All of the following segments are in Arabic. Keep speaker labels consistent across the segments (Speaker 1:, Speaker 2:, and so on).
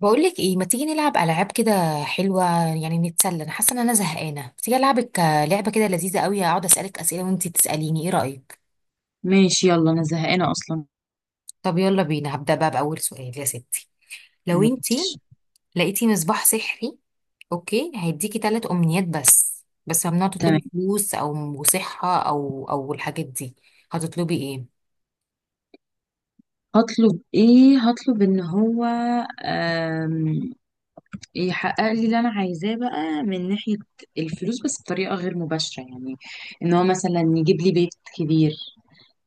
Speaker 1: بقولك ايه، ما تيجي نلعب العاب كده حلوه؟ يعني نتسلى، انا حاسه ان انا زهقانه، ما تيجي العبك لعبه كده لذيذه قوي. اقعد اسالك اسئله وانتي تساليني، ايه رايك؟
Speaker 2: ماشي، يلا انا زهقانه اصلا.
Speaker 1: طب يلا بينا، هبدا بقى باول سؤال يا ستي. لو انتي
Speaker 2: ماشي.
Speaker 1: لقيتي مصباح سحري، اوكي هيديكي ثلاث امنيات، بس بس ممنوع
Speaker 2: تمام.
Speaker 1: تطلبي فلوس او صحه او الحاجات دي. هتطلبي ايه؟
Speaker 2: هطلب ايه؟ هطلب ان هو آم، يحقق لي اللي انا عايزاه بقى من ناحيه الفلوس، بس بطريقه غير مباشره، يعني ان هو مثلا يجيب لي بيت كبير،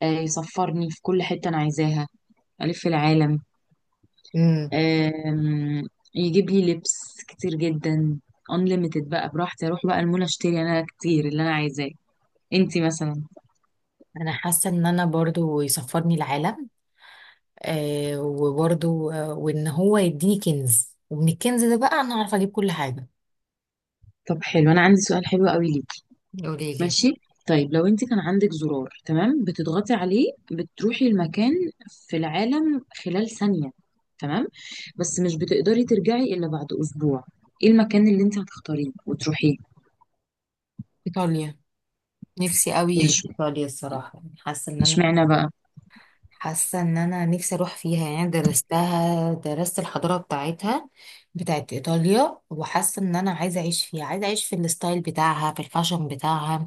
Speaker 2: يسفرني في كل حته انا عايزاها، الف العالم،
Speaker 1: امم
Speaker 2: آم، يجيب لي لبس كتير جدا unlimited، بقى براحتي اروح بقى المول اشتري انا كتير اللي انا عايزاه. انتي مثلا؟
Speaker 1: انا حاسه ان انا برضو يسفرني العالم، وبرضو وان هو يديني كنز، ومن الكنز ده بقى انا عارفه اجيب كل حاجه.
Speaker 2: طب حلو، انا عندي سؤال حلو قوي ليكي.
Speaker 1: قولي لي.
Speaker 2: ماشي. طيب لو انت كان عندك زرار، تمام، بتضغطي عليه بتروحي المكان في العالم خلال ثانية، تمام، بس مش بتقدري ترجعي إلا بعد أسبوع، ايه المكان اللي انت هتختاريه وتروحيه؟
Speaker 1: ايطاليا. نفسي قوي
Speaker 2: ليش؟
Speaker 1: في ايطاليا الصراحه، يعني حاسه ان انا
Speaker 2: اشمعنى بقى؟
Speaker 1: حاسه ان انا نفسي اروح فيها، يعني درستها، درست الحضاره بتاعتها، بتاعت ايطاليا. وحاسه ان انا عايزه اعيش فيها، عايزه اعيش في الستايل بتاعها، في الفاشن بتاعها.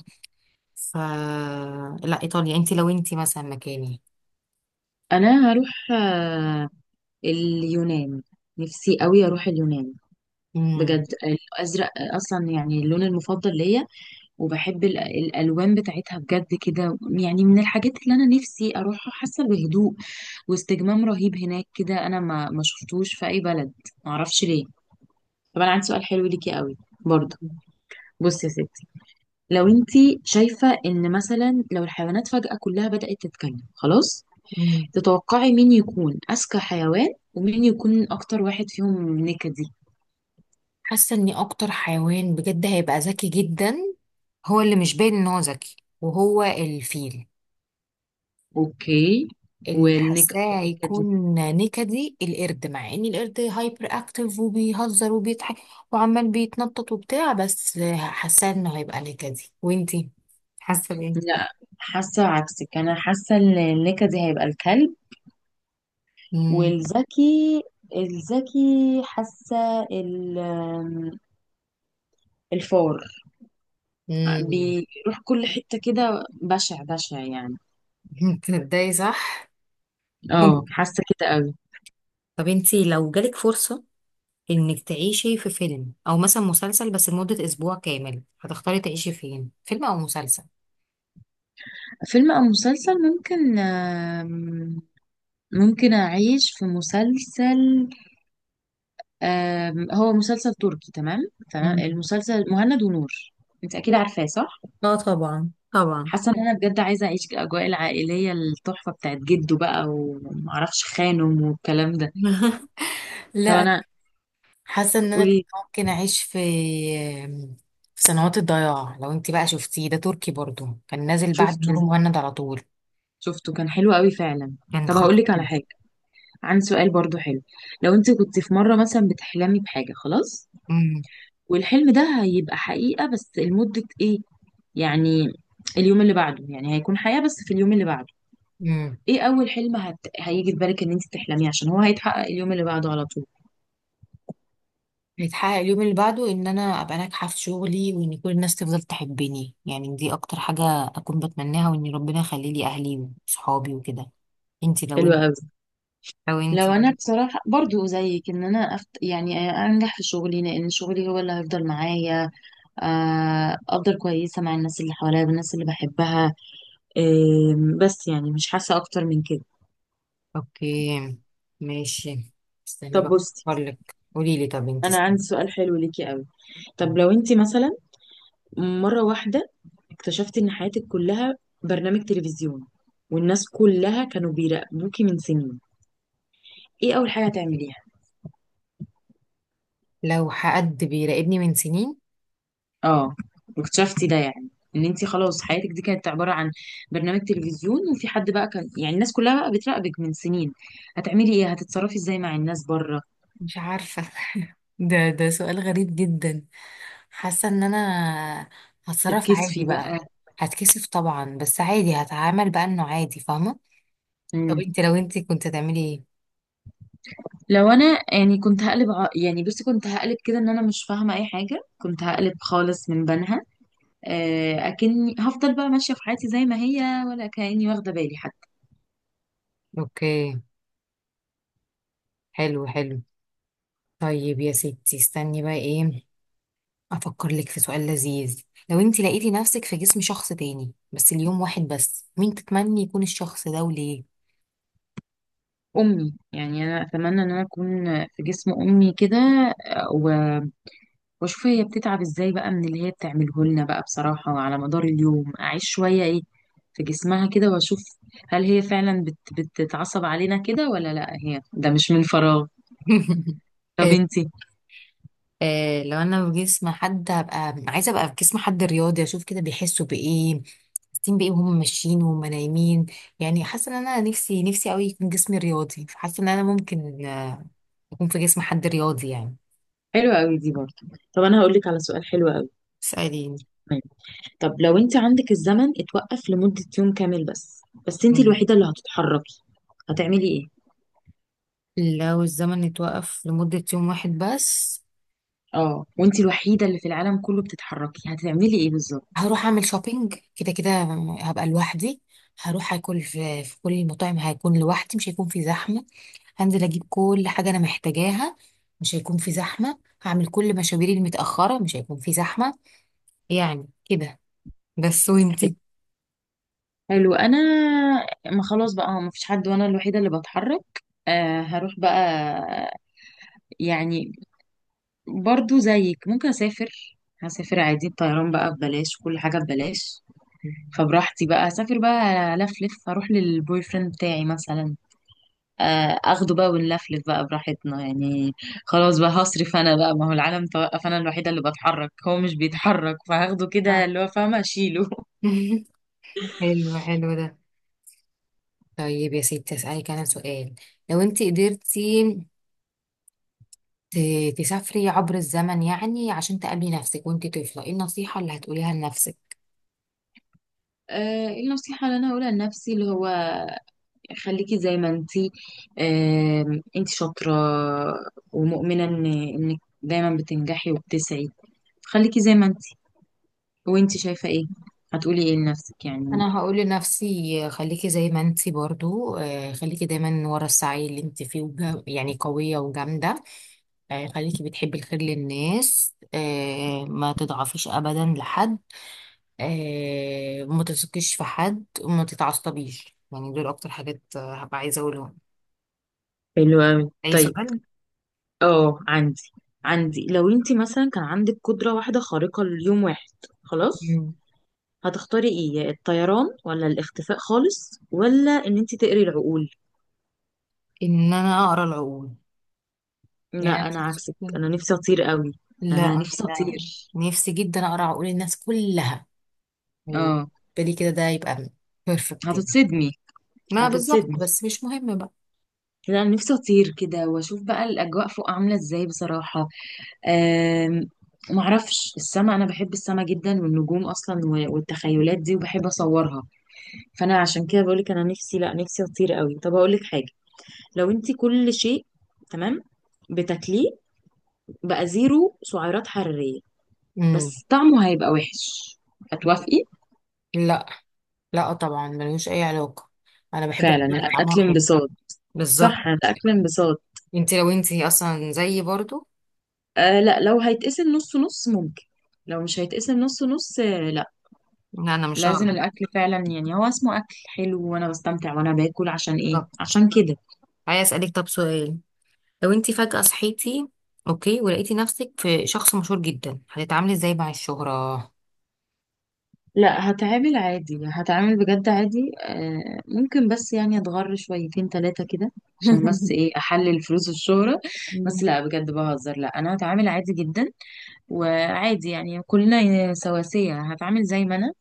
Speaker 1: ف لا، ايطاليا. لو انت مثلا مكاني؟
Speaker 2: انا هروح اليونان، نفسي قوي اروح اليونان.
Speaker 1: امم
Speaker 2: بجد الازرق اصلا يعني اللون المفضل ليا، وبحب الألوان بتاعتها، بجد كده يعني من الحاجات اللي أنا نفسي أروحها، حاسة بهدوء واستجمام رهيب هناك، كده أنا ما شفتوش في أي بلد، معرفش ليه. طب أنا عندي سؤال حلو ليكي قوي برضه. بصي يا ستي، لو انتي شايفة ان مثلا لو الحيوانات فجأة كلها بدأت تتكلم، خلاص،
Speaker 1: امم
Speaker 2: تتوقعي مين يكون أذكى حيوان؟ ومين يكون أكتر واحد فيهم نكدي؟
Speaker 1: حاسه اني اكتر حيوان بجد هيبقى ذكي جدا، هو اللي مش باين ان هو ذكي، وهو الفيل.
Speaker 2: أوكي.
Speaker 1: اللي حاساه
Speaker 2: والنكد؟
Speaker 1: هيكون نكدي القرد، مع ان القرد هايبر اكتف وبيهزر وبيضحك وعمال بيتنطط وبتاع، بس حاساه انه هيبقى نكدي. وانتي حاسه بايه؟
Speaker 2: لا، حاسة عكسك، أنا حاسة إن النكدي دي هيبقى الكلب.
Speaker 1: امم
Speaker 2: والذكي، الذكي حاسة الفار،
Speaker 1: امم
Speaker 2: بيروح كل حتة كده، بشع بشع يعني.
Speaker 1: تصدقي، صح.
Speaker 2: اه، حاسة كده قوي.
Speaker 1: طب انتي، لو جالك فرصه انك تعيشي في فيلم او مثلا مسلسل بس لمده اسبوع كامل، هتختاري تعيشي فين، فيلم او مسلسل؟
Speaker 2: فيلم أو مسلسل؟ ممكن ممكن أعيش في مسلسل، هو مسلسل تركي، تمام، تمام،
Speaker 1: مم.
Speaker 2: المسلسل مهند ونور، أنت أكيد عارفاه، صح؟
Speaker 1: اه طبعا طبعا.
Speaker 2: حاسه ان انا بجد عايزه اعيش الاجواء العائليه التحفه بتاعت جده بقى، ومعرفش خانم، والكلام ده. طب
Speaker 1: لا،
Speaker 2: انا.
Speaker 1: حاسه ان انا
Speaker 2: قولي.
Speaker 1: ممكن اعيش في سنوات الضياع، لو انت بقى شفتيه، ده تركي برضو كان نازل بعد
Speaker 2: شفته،
Speaker 1: نور مهند على طول.
Speaker 2: شفته كان حلو قوي فعلا.
Speaker 1: كان
Speaker 2: طب هقول لك
Speaker 1: خطير.
Speaker 2: على حاجه، عندي سؤال برضو حلو. لو انت كنت في مره مثلا بتحلمي بحاجه، خلاص،
Speaker 1: امم
Speaker 2: والحلم ده هيبقى حقيقه بس لمده ايه، يعني اليوم اللي بعده، يعني هيكون حياه بس في اليوم اللي بعده،
Speaker 1: امم
Speaker 2: ايه اول حلم هيجي في بالك ان انت تحلميه، عشان هو هيتحقق اليوم اللي بعده على طول؟
Speaker 1: بيتحقق اليوم اللي بعده ان انا ابقى ناجحه في شغلي، وان كل الناس تفضل تحبني، يعني دي اكتر حاجه اكون بتمناها، وان ربنا يخلي لي اهلي وصحابي وكده. انت لو
Speaker 2: حلو
Speaker 1: انت
Speaker 2: قوي.
Speaker 1: لو انت
Speaker 2: لو انا بصراحه برضو زيك، ان انا يعني انجح في شغلي، لان شغلي هو اللي هيفضل معايا، افضل كويسه مع الناس اللي حواليا والناس اللي بحبها، بس يعني مش حاسه اكتر من كده.
Speaker 1: اوكي، ماشي، استني
Speaker 2: طب
Speaker 1: بقى
Speaker 2: بصي،
Speaker 1: لك، قولي لي طب انت
Speaker 2: انا
Speaker 1: اسمي.
Speaker 2: عندي سؤال حلو ليكي قوي. طب لو انت مثلا مره واحده اكتشفتي ان حياتك كلها برنامج تلفزيون، والناس كلها كانوا بيراقبوكي من سنين، ايه اول حاجه هتعمليها؟
Speaker 1: لو حد بيراقبني من سنين.
Speaker 2: اه، واكتشفتي ده يعني، ان انت خلاص حياتك دي كانت عباره عن برنامج تلفزيون، وفي حد بقى كان يعني الناس كلها بقى بتراقبك من سنين، هتعملي ايه؟ هتتصرفي ازاي مع الناس بره؟
Speaker 1: مش عارفة. ده سؤال غريب جدا. حاسة ان انا هتصرف عادي
Speaker 2: تتكسفي
Speaker 1: بقى.
Speaker 2: بقى؟
Speaker 1: هتكسف طبعا، بس عادي، هتعامل بقى انه عادي، فاهمة. طب
Speaker 2: مم.
Speaker 1: انت، لو انت كنت هتعملي ايه؟
Speaker 2: لو انا، يعني كنت هقلب يعني بصي كنت هقلب كده ان انا مش فاهمه اي حاجه، كنت هقلب خالص من بنها، اكني هفضل بقى ماشيه في حياتي زي ما هي، ولا كاني واخده بالي حتى.
Speaker 1: اوكي، حلو حلو. طيب يا ستي، استني بقى ايه، افكر لك في سؤال لذيذ. لو انت لقيتي نفسك في جسم شخص تاني بس اليوم واحد بس، مين تتمني يكون الشخص ده وليه؟
Speaker 2: امي، يعني انا اتمنى ان انا اكون في جسم امي كده، واشوف هي بتتعب ازاي بقى من اللي هي بتعمله لنا بقى، بصراحة على مدار اليوم اعيش شوية ايه في جسمها كده، واشوف هل هي فعلا بتتعصب علينا كده، ولا لا هي ده مش من فراغ. طب
Speaker 1: حلو.
Speaker 2: انتي؟
Speaker 1: لو انا في جسم حد، هبقى عايزه ابقى في جسم حد رياضي، اشوف كده بيحسوا بايه، حاسين بايه وهم ماشيين وهم نايمين. يعني حاسه ان انا نفسي نفسي قوي يكون جسمي رياضي، فحاسه ان انا ممكن اكون في جسم حد رياضي يعني.
Speaker 2: حلوة قوي دي برضه. طب انا هقول لك على سؤال حلو قوي.
Speaker 1: اسالي.
Speaker 2: طب لو انت عندك الزمن اتوقف لمدة يوم كامل بس، بس انت
Speaker 1: مم.
Speaker 2: الوحيدة اللي هتتحركي، هتعملي ايه؟
Speaker 1: لو الزمن اتوقف لمده يوم واحد بس،
Speaker 2: اه، وانت الوحيدة اللي في العالم كله بتتحركي، هتعملي ايه بالظبط؟
Speaker 1: هروح اعمل شوبينج كده كده، هبقى لوحدي. هروح اكل في كل المطاعم، هيكون لوحدي، مش هيكون في زحمه. هنزل اجيب كل حاجه انا محتاجاها، مش هيكون في زحمه، هعمل كل مشاويري المتاخره، مش هيكون في زحمه، يعني كده بس. وانتي؟
Speaker 2: حلو. انا، ما خلاص بقى، ما فيش حد وانا الوحيده اللي بتحرك، آه هروح بقى، يعني برضو زيك ممكن اسافر، هسافر عادي، الطيران بقى ببلاش، كل حاجه ببلاش، فبراحتي بقى اسافر بقى، الف لف، اروح للبوي فريند بتاعي مثلا، آه اخده بقى ونلفلف بقى براحتنا يعني، خلاص بقى هصرف انا بقى، ما هو العالم توقف، انا الوحيده اللي بتحرك، هو مش بيتحرك، فهاخده كده
Speaker 1: صح.
Speaker 2: اللي هو فاهمه اشيله.
Speaker 1: حلو حلو ده. طيب يا ستي، اسالك انا سؤال. لو انت قدرتي تسافري عبر الزمن يعني عشان تقابلي نفسك وانت طفله، ايه النصيحه اللي هتقوليها لنفسك؟
Speaker 2: إيه النصيحة اللي أنا هقولها لنفسي؟ اللي هو خليكي زي ما انتي، انتي شاطرة ومؤمنة ان انك دايما بتنجحي وبتسعي، خليكي زي ما انتي. وانتي شايفة ايه؟ هتقولي ايه لنفسك يعني؟
Speaker 1: انا هقول لنفسي، خليكي زي ما انت برضو، خليكي دايما ورا السعي اللي انت فيه يعني قويه وجامده، خليكي بتحبي الخير للناس، ما تضعفيش ابدا لحد، وما تثقيش في حد وما تتعصبيش، يعني دول اكتر حاجات هبقى عايزه اقولهم.
Speaker 2: حلو اوي.
Speaker 1: اي
Speaker 2: طيب.
Speaker 1: سؤال؟
Speaker 2: اه عندي، لو انتي مثلا كان عندك قدرة واحدة خارقة ليوم واحد، خلاص،
Speaker 1: مم.
Speaker 2: هتختاري ايه؟ يا الطيران ولا الاختفاء خالص، ولا ان انتي تقري العقول؟
Speaker 1: ان انا اقرا العقول. يعني أنا
Speaker 2: لا انا عكسك، انا نفسي اطير قوي.
Speaker 1: لا
Speaker 2: انا
Speaker 1: انا
Speaker 2: نفسي
Speaker 1: لا.
Speaker 2: اطير.
Speaker 1: نفسي جدا اقرا عقول الناس كلها،
Speaker 2: اه.
Speaker 1: بالي كده، ده يبقى بيرفكت يعني.
Speaker 2: هتتصدمي.
Speaker 1: ما بالظبط،
Speaker 2: هتتصدمي.
Speaker 1: بس مش مهم بقى.
Speaker 2: لا أنا نفسي اطير كده واشوف بقى الاجواء فوق عامله ازاي بصراحه. أم... معرفش، السما، انا بحب السما جدا، والنجوم اصلا، والتخيلات دي، وبحب اصورها، فانا عشان كده بقولك انا نفسي، لا نفسي اطير قوي. طب اقولك حاجه، لو انت كل شيء، تمام، بتاكليه بقى زيرو سعرات حراريه،
Speaker 1: مم.
Speaker 2: بس طعمه هيبقى وحش، هتوافقي؟
Speaker 1: لا، لا طبعا ملوش اي علاقه، انا بحب
Speaker 2: فعلا،
Speaker 1: الحاجات اللي طعمها
Speaker 2: الاكل
Speaker 1: حلو.
Speaker 2: انبساط.
Speaker 1: بالظبط.
Speaker 2: صح، الاكل انبساط.
Speaker 1: لو انت اصلا زيي برضو؟
Speaker 2: آه لا، لو هيتقسم نص نص ممكن، لو مش هيتقسم نص نص، لا.
Speaker 1: لا انا مش
Speaker 2: لازم
Speaker 1: هقدر.
Speaker 2: الاكل فعلا، يعني هو اسمه اكل حلو، وانا بستمتع وانا باكل، عشان ايه؟
Speaker 1: طب
Speaker 2: عشان كده.
Speaker 1: عايز اسالك طب سؤال، لو انت فجاه صحيتي اوكي ولقيتي نفسك في شخص مشهور جدا، هتتعاملي ازاي مع الشهرة؟
Speaker 2: لا، هتعامل عادي، هتعامل بجد عادي، آه ممكن بس يعني اتغر شويتين ثلاثة كده، عشان بس ايه، احلل فلوس الشهرة، بس
Speaker 1: مم.
Speaker 2: لا بجد بهزر، لا انا هتعامل عادي جدا، وعادي يعني كلنا سواسية، هتعامل زي ما انا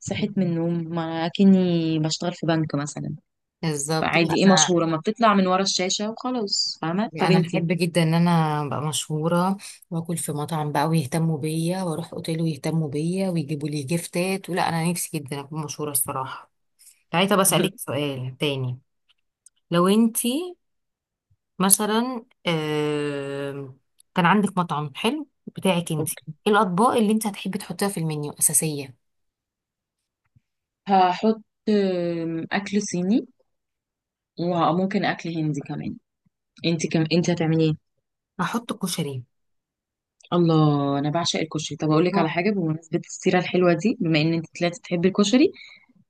Speaker 2: صحيت من النوم، ما كني بشتغل في بنك مثلا،
Speaker 1: بالظبط.
Speaker 2: فعادي، ايه،
Speaker 1: انا
Speaker 2: مشهورة، ما بتطلع من ورا الشاشة وخلاص، فاهمة؟ طب
Speaker 1: انا بحب
Speaker 2: انتي؟
Speaker 1: جدا ان انا ابقى مشهوره، واكل في مطعم بقى ويهتموا بيا واروح اوتيل ويهتموا بيا ويجيبوا لي جيفتات، ولا انا نفسي جدا اكون مشهوره الصراحه. تعالي طب اسالك سؤال تاني. لو انت مثلا كان عندك مطعم حلو بتاعك انت،
Speaker 2: اوكي.
Speaker 1: ايه الاطباق اللي انت هتحبي تحطيها في المنيو اساسيه؟
Speaker 2: هحط اكل صيني، وممكن اكل هندي كمان. انت كم؟ انت هتعملي ايه؟
Speaker 1: هحط كشري.
Speaker 2: الله، انا بعشق الكشري. طب اقول لك على
Speaker 1: اه.
Speaker 2: حاجه، بمناسبه السيره الحلوه دي، بما ان انت طلعتي تحبي الكشري،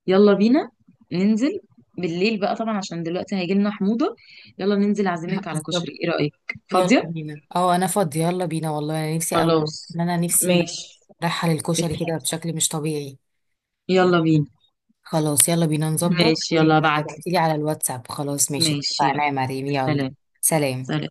Speaker 2: يلا بينا ننزل بالليل بقى، طبعا عشان دلوقتي هيجي لنا حموضه، يلا ننزل، اعزمك على
Speaker 1: بالظبط.
Speaker 2: كشري، ايه رايك؟
Speaker 1: يلا
Speaker 2: فاضيه؟
Speaker 1: بينا، اه انا فاضي، يلا بينا، والله انا نفسي قوي
Speaker 2: خلاص،
Speaker 1: ان انا نفسي
Speaker 2: ماشي،
Speaker 1: رايحه للكشري كده
Speaker 2: اتفقنا.
Speaker 1: بشكل مش طبيعي.
Speaker 2: يلا بينا.
Speaker 1: خلاص، يلا بينا نظبط
Speaker 2: ماشي، يلا، ابعتلي.
Speaker 1: وابعتيلي على الواتساب. خلاص ماشي،
Speaker 2: ماشي
Speaker 1: اتفقنا
Speaker 2: يلا.
Speaker 1: يا مريم. يلا،
Speaker 2: سلام.
Speaker 1: سلام.
Speaker 2: سلام.